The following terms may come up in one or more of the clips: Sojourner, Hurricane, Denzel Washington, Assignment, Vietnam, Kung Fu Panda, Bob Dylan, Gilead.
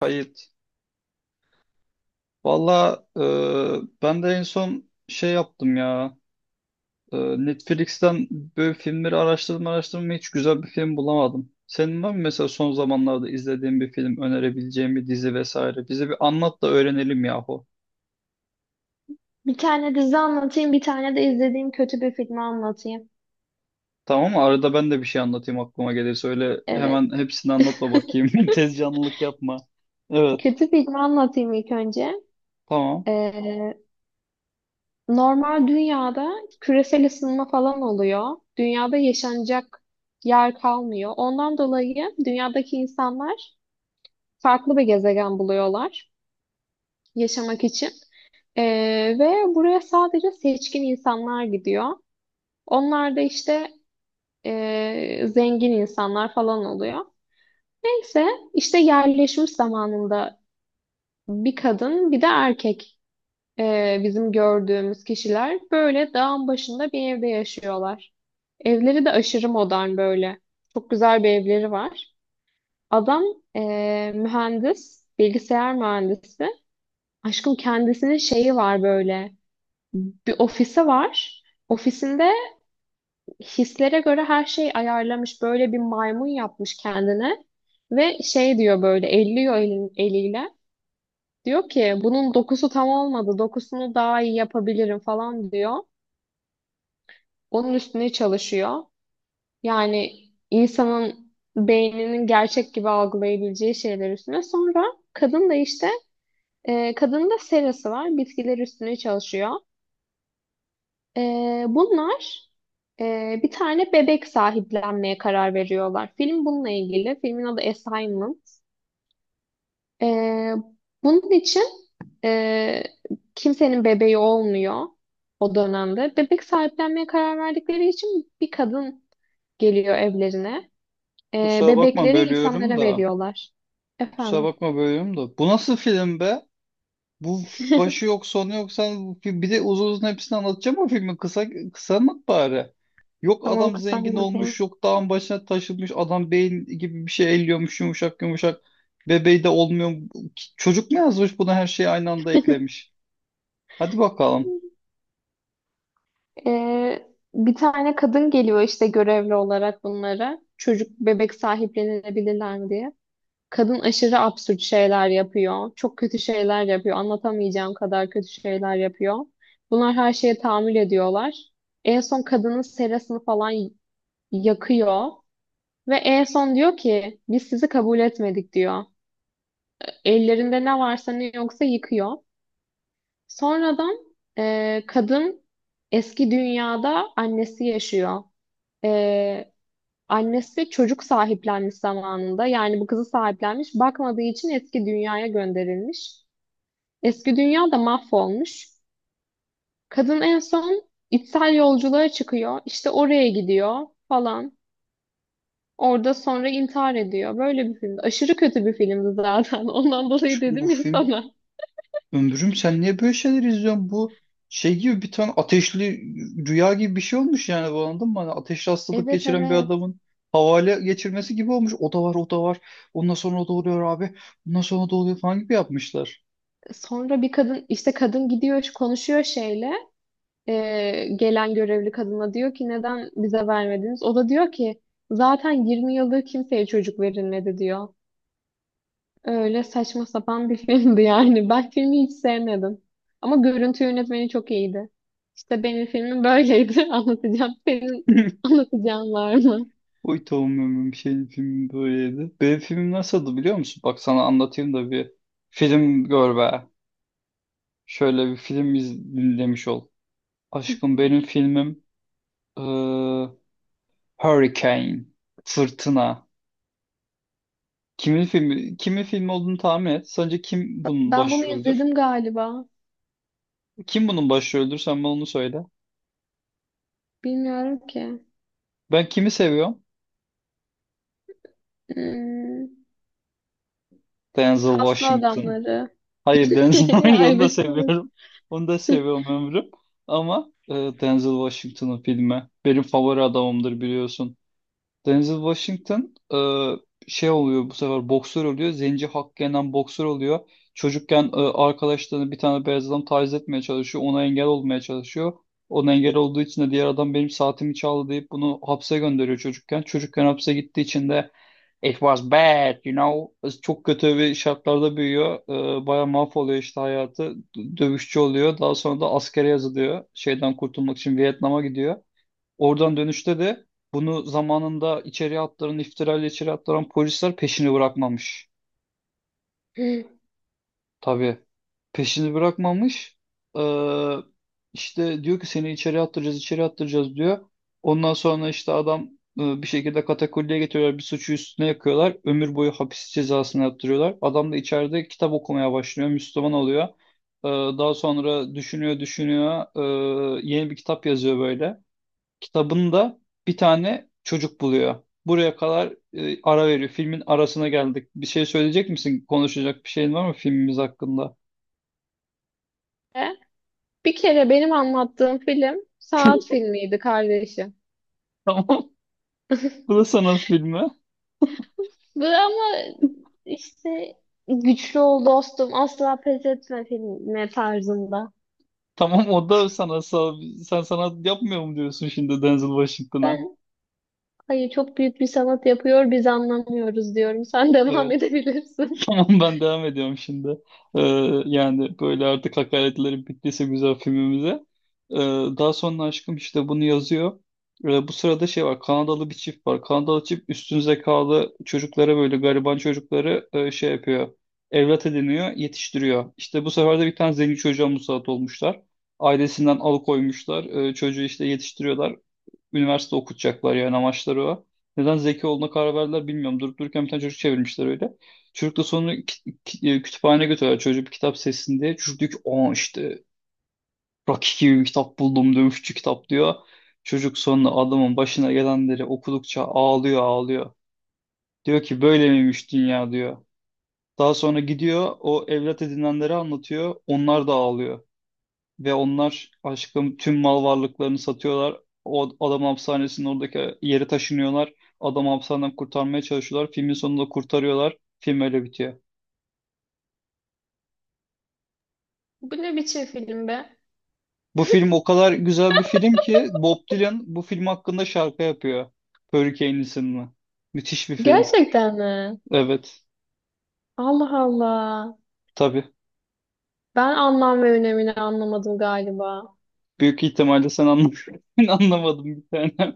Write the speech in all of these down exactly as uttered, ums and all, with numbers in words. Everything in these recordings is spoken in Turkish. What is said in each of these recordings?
Kayıt. Valla e, ben de en son şey yaptım ya. E, Netflix'ten böyle filmleri araştırdım araştırdım ve hiç güzel bir film bulamadım. Senin var mı mesela son zamanlarda izlediğin bir film, önerebileceğin bir dizi vesaire? Bize bir anlat da öğrenelim yahu. Bir tane dizi anlatayım, bir tane de izlediğim kötü bir filmi anlatayım. Tamam mı? Arada ben de bir şey anlatayım aklıma gelirse. Öyle Evet. hemen hepsini anlatma bakayım. Tez canlılık yapma. Evet, Kötü filmi anlatayım ilk önce. tamam. Ee, normal dünyada küresel ısınma falan oluyor. Dünyada yaşanacak yer kalmıyor. Ondan dolayı dünyadaki insanlar farklı bir gezegen buluyorlar yaşamak için. Ee, ve buraya sadece seçkin insanlar gidiyor. Onlar da işte ee, zengin insanlar falan oluyor. Neyse işte yerleşmiş zamanında bir kadın bir de erkek, e, bizim gördüğümüz kişiler böyle dağın başında bir evde yaşıyorlar. Evleri de aşırı modern böyle. Çok güzel bir evleri var. Adam e, mühendis, bilgisayar mühendisi. Aşkım kendisinin şeyi var böyle. Bir ofisi var. Ofisinde hislere göre her şey ayarlamış. Böyle bir maymun yapmış kendine. Ve şey diyor böyle elliyor elin, eliyle. Diyor ki bunun dokusu tam olmadı. Dokusunu daha iyi yapabilirim falan diyor. Onun üstüne çalışıyor. Yani insanın beyninin gerçek gibi algılayabileceği şeyler üstüne. Sonra kadın da işte, e, kadın da serası var. Bitkiler üstüne çalışıyor. E, Bunlar e, bir tane bebek sahiplenmeye karar veriyorlar. Film bununla ilgili. Filmin adı Assignment. Ee, Bunun için, e, kimsenin bebeği olmuyor o dönemde. Bebek sahiplenmeye karar verdikleri için bir kadın geliyor evlerine. Ee, Kusura bakma bebekleri bölüyorum insanlara da. veriyorlar. Kusura Efendim, bakma bölüyorum da. Bu nasıl film be? Bu başı yok sonu yok sen bir bir de uzun uzun hepsini anlatacağım o filmi kısa kısa anlat bari. Yok tamam adam zengin olmuş kısalmadım. yok dağın başına taşınmış adam beyin gibi bir şey elliyormuş yumuşak yumuşak bebeği de olmuyor. Çocuk mu yazmış buna her şeyi aynı anda eklemiş. Hadi bakalım. Ee, Bir tane kadın geliyor işte görevli olarak bunlara. Çocuk bebek sahiplenilebilirler mi diye. Kadın aşırı absürt şeyler yapıyor. Çok kötü şeyler yapıyor. Anlatamayacağım kadar kötü şeyler yapıyor. Bunlar her şeye tahammül ediyorlar. En son kadının serasını falan y- yakıyor. Ve en son diyor ki biz sizi kabul etmedik diyor. Ellerinde ne varsa ne yoksa yıkıyor. Sonradan e, kadın eski dünyada annesi yaşıyor. E, Annesi çocuk sahiplenmiş zamanında. Yani bu kızı sahiplenmiş. Bakmadığı için eski dünyaya gönderilmiş. Eski dünya da mahvolmuş. Kadın en son içsel yolculuğa çıkıyor. İşte oraya gidiyor falan. Orada sonra intihar ediyor. Böyle bir filmdi. Aşırı kötü bir filmdi zaten. Ondan dolayı Şu- Bu dedim ya film sana. ömrüm, sen niye böyle şeyler izliyorsun? Bu şey gibi bir tane ateşli rüya gibi bir şey olmuş yani bu, anladın mı? Hani ateşli hastalık Evet, geçiren bir evet. adamın havale geçirmesi gibi olmuş. O da var, o da var. Ondan sonra o da oluyor abi. Ondan sonra o da oluyor falan gibi yapmışlar. Sonra bir kadın işte kadın gidiyor konuşuyor şeyle, eee, gelen görevli kadına diyor ki neden bize vermediniz? O da diyor ki zaten yirmi yıldır kimseye çocuk verilmedi diyor. Öyle saçma sapan bir filmdi yani. Ben filmi hiç sevmedim. Ama görüntü yönetmeni çok iyiydi. İşte benim filmim böyleydi. Anlatacağım. Senin anlatacağın var mı? Oy tamam ömrüm, senin filmi böyleydi. Benim filmim nasıldı biliyor musun? Bak sana anlatayım da bir film gör be. Şöyle bir film iz dinlemiş ol. Aşkım benim filmim eee, Hurricane. Fırtına. Kimin filmi, kimin filmi olduğunu tahmin et. Sence kim bunun Ben bunu başrolüdür? izledim galiba. Kim bunun başrolüdür? Sen bana onu söyle. Bilmiyorum ki. Ben kimi seviyorum? Hmm. Denzel Kaslı Washington. adamları. Hayır Denzel, hayır Ay onu da be kız. seviyorum. Onu da seviyorum ömrüm. Ama e, Denzel Washington'ın filmi. Benim favori adamımdır biliyorsun. Denzel Washington e, şey oluyor, bu sefer boksör oluyor. Zenci hakkı yenen boksör oluyor. Çocukken e, arkadaşlarını bir tane beyaz adam taciz etmeye çalışıyor. Ona engel olmaya çalışıyor. Ona engel olduğu için de diğer adam benim saatimi çaldı deyip bunu hapse gönderiyor çocukken. Çocukken hapse gittiği için de it was bad you know. Çok kötü bir şartlarda büyüyor. E, bayağı mahvoluyor işte hayatı. D- Dövüşçü oluyor. Daha sonra da askere yazılıyor. Şeyden kurtulmak için Vietnam'a gidiyor. Oradan dönüşte de bunu zamanında içeriye attıran, iftirayla içeri attıran polisler peşini bırakmamış. E. Tabii peşini bırakmamış. Ee, işte diyor ki seni içeri attıracağız, içeri attıracağız diyor. Ondan sonra işte adam e, bir şekilde katakulliye getiriyorlar, bir suçu üstüne yakıyorlar. Ömür boyu hapis cezasını yaptırıyorlar. Adam da içeride kitap okumaya başlıyor, Müslüman oluyor. Ee, daha sonra düşünüyor, düşünüyor. Ee, yeni bir kitap yazıyor böyle. Kitabında bir tane çocuk buluyor. Buraya kadar, e, ara veriyor. Filmin arasına geldik. Bir şey söyleyecek misin? Konuşacak bir şeyin var mı filmimiz hakkında? Bir kere benim anlattığım film sanat filmiydi kardeşim. Tamam. Bu da sanat filmi. Bu ama işte güçlü ol dostum asla pes etme filmi tarzında. Tamam o da sanatsal. Sen sanat yapmıyor mu diyorsun şimdi Denzel Washington'a? Ben, hayır, çok büyük bir sanat yapıyor biz anlamıyoruz diyorum. Sen devam Evet. edebilirsin. Tamam ben devam ediyorum şimdi. Ee, yani böyle artık hakaretlerim bittiyse güzel filmimize. Ee, daha sonra aşkım işte bunu yazıyor. Ee, bu sırada şey var, Kanadalı bir çift var. Kanadalı çift üstün zekalı çocuklara böyle gariban çocukları e, şey yapıyor. Evlat ediniyor, yetiştiriyor. İşte bu sefer de bir tane zengin çocuğa musallat olmuşlar. Ailesinden alıkoymuşlar. Ee, çocuğu işte yetiştiriyorlar. Üniversite okutacaklar, yani amaçları o. Neden zeki olduğuna karar verdiler bilmiyorum. Durup dururken bir tane çocuk çevirmişler öyle. Çocuk da sonra ki- ki- e, kütüphaneye götürüyorlar çocuğu bir kitap sessin diye. Çocuk diyor ki aa işte Rocky gibi bir kitap buldum, dövüşçü kitap diyor. Çocuk sonra adamın başına gelenleri okudukça ağlıyor ağlıyor. Diyor ki böyle miymiş dünya diyor. Daha sonra gidiyor o evlat edinenleri anlatıyor. Onlar da ağlıyor. Ve onlar aşkım tüm mal varlıklarını satıyorlar. O adam hapishanesinin oradaki yeri taşınıyorlar. Adam hapishaneden kurtarmaya çalışıyorlar. Filmin sonunda kurtarıyorlar. Film öyle bitiyor. Bu ne biçim film be? Bu film o kadar güzel bir film ki Bob Dylan bu film hakkında şarkı yapıyor. Hurricane isimli. Müthiş bir film. Gerçekten mi? Evet. Allah Allah. Tabii. Ben anlam ve önemini anlamadım galiba. Büyük ihtimalle sen anlamadın. Ben anlamadım bir tane.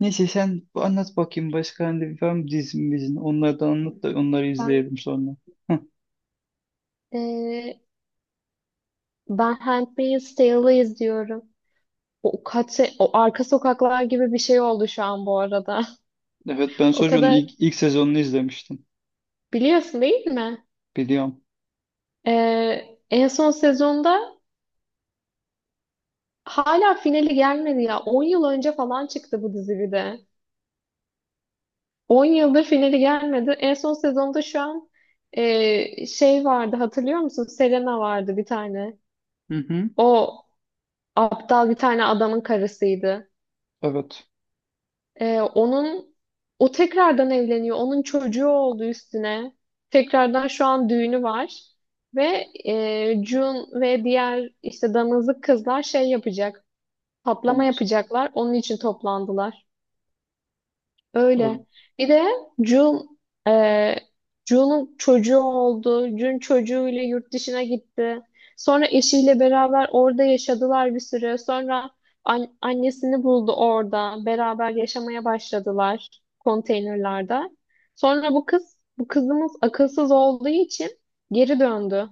Neyse sen anlat bakayım başka hani bir film dizimizin. Onlardan anlat da onları Ben izleyelim sonra. eee ben Handmaid's Tale'ı izliyorum. O kaç se- o arka sokaklar gibi bir şey oldu şu an bu arada. Evet ben O Sojourner'ın kadar ilk, ilk sezonunu izlemiştim. biliyorsun değil mi? Biliyorum. Eee, en son sezonda hala finali gelmedi ya. on yıl önce falan çıktı bu dizi bir de. on yıldır finali gelmedi. En son sezonda şu an, e, şey vardı hatırlıyor musun? Selena vardı bir tane. Hı hı. O aptal bir tane adamın karısıydı. Evet. E, onun, o tekrardan evleniyor. Onun çocuğu oldu üstüne. Tekrardan şu an düğünü var. Ve e, Jun ve diğer işte damızlık kızlar şey yapacak. Patlama Thomas. yapacaklar. Onun için toplandılar. Öyle. Evet. Bir de Jun, e, Jun'un çocuğu oldu. Jun çocuğuyla yurt dışına gitti. Sonra eşiyle beraber orada yaşadılar bir süre. Sonra an- annesini buldu orada. Beraber yaşamaya başladılar konteynerlarda. Sonra bu kız, bu kızımız akılsız olduğu için geri döndü.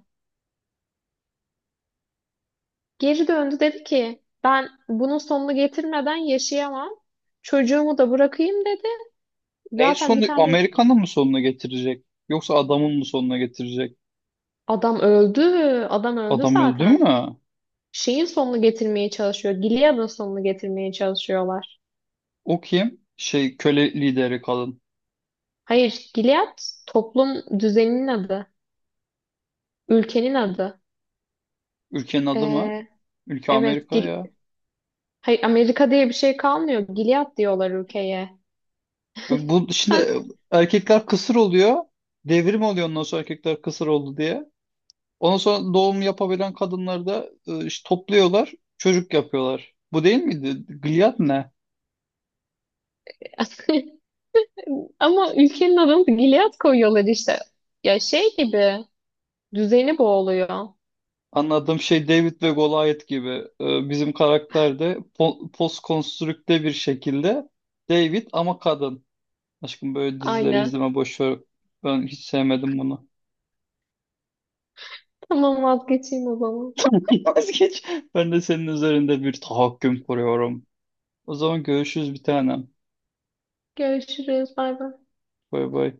Geri döndü dedi ki ben bunun sonunu getirmeden yaşayamam. Çocuğumu da bırakayım dedi. Neyin Zaten bir sonu? tane. Amerikan'ın mı sonuna getirecek? Yoksa adamın mı sonuna getirecek? Adam öldü. Adam öldü Adam öldü zaten. mü? Şeyin sonunu getirmeye çalışıyor. Gilead'ın sonunu getirmeye çalışıyorlar. O kim? Şey köle lideri kadın. Hayır, Gilead toplum düzeninin adı. Ülkenin adı. Ülkenin adı mı? Ee, Ülke evet, Amerika Gil. ya. Hayır, Amerika diye bir şey kalmıyor. Gilead diyorlar ülkeye. Bu bu- Sen... şimdi erkekler kısır oluyor. Devrim oluyor ondan sonra erkekler kısır oldu diye. Ondan sonra doğum yapabilen kadınları da e, işte topluyorlar. Çocuk yapıyorlar. Bu değil miydi? Gilead ne? Ama ülkenin adını da Gilead koyuyorlar işte. Ya şey gibi düzeni boğuluyor. Anladığım şey David ve Goliath gibi. Ee, bizim karakter de po postkonstrükte bir şekilde David ama kadın. Aşkım böyle dizileri Aynen. izleme boş ver. Ben hiç sevmedim bunu. Tamam vazgeçeyim o zaman. Vazgeç. Ben de senin üzerinde bir tahakküm kuruyorum. O zaman görüşürüz bir tanem. Görüşürüz. Bay bay. Bay bay.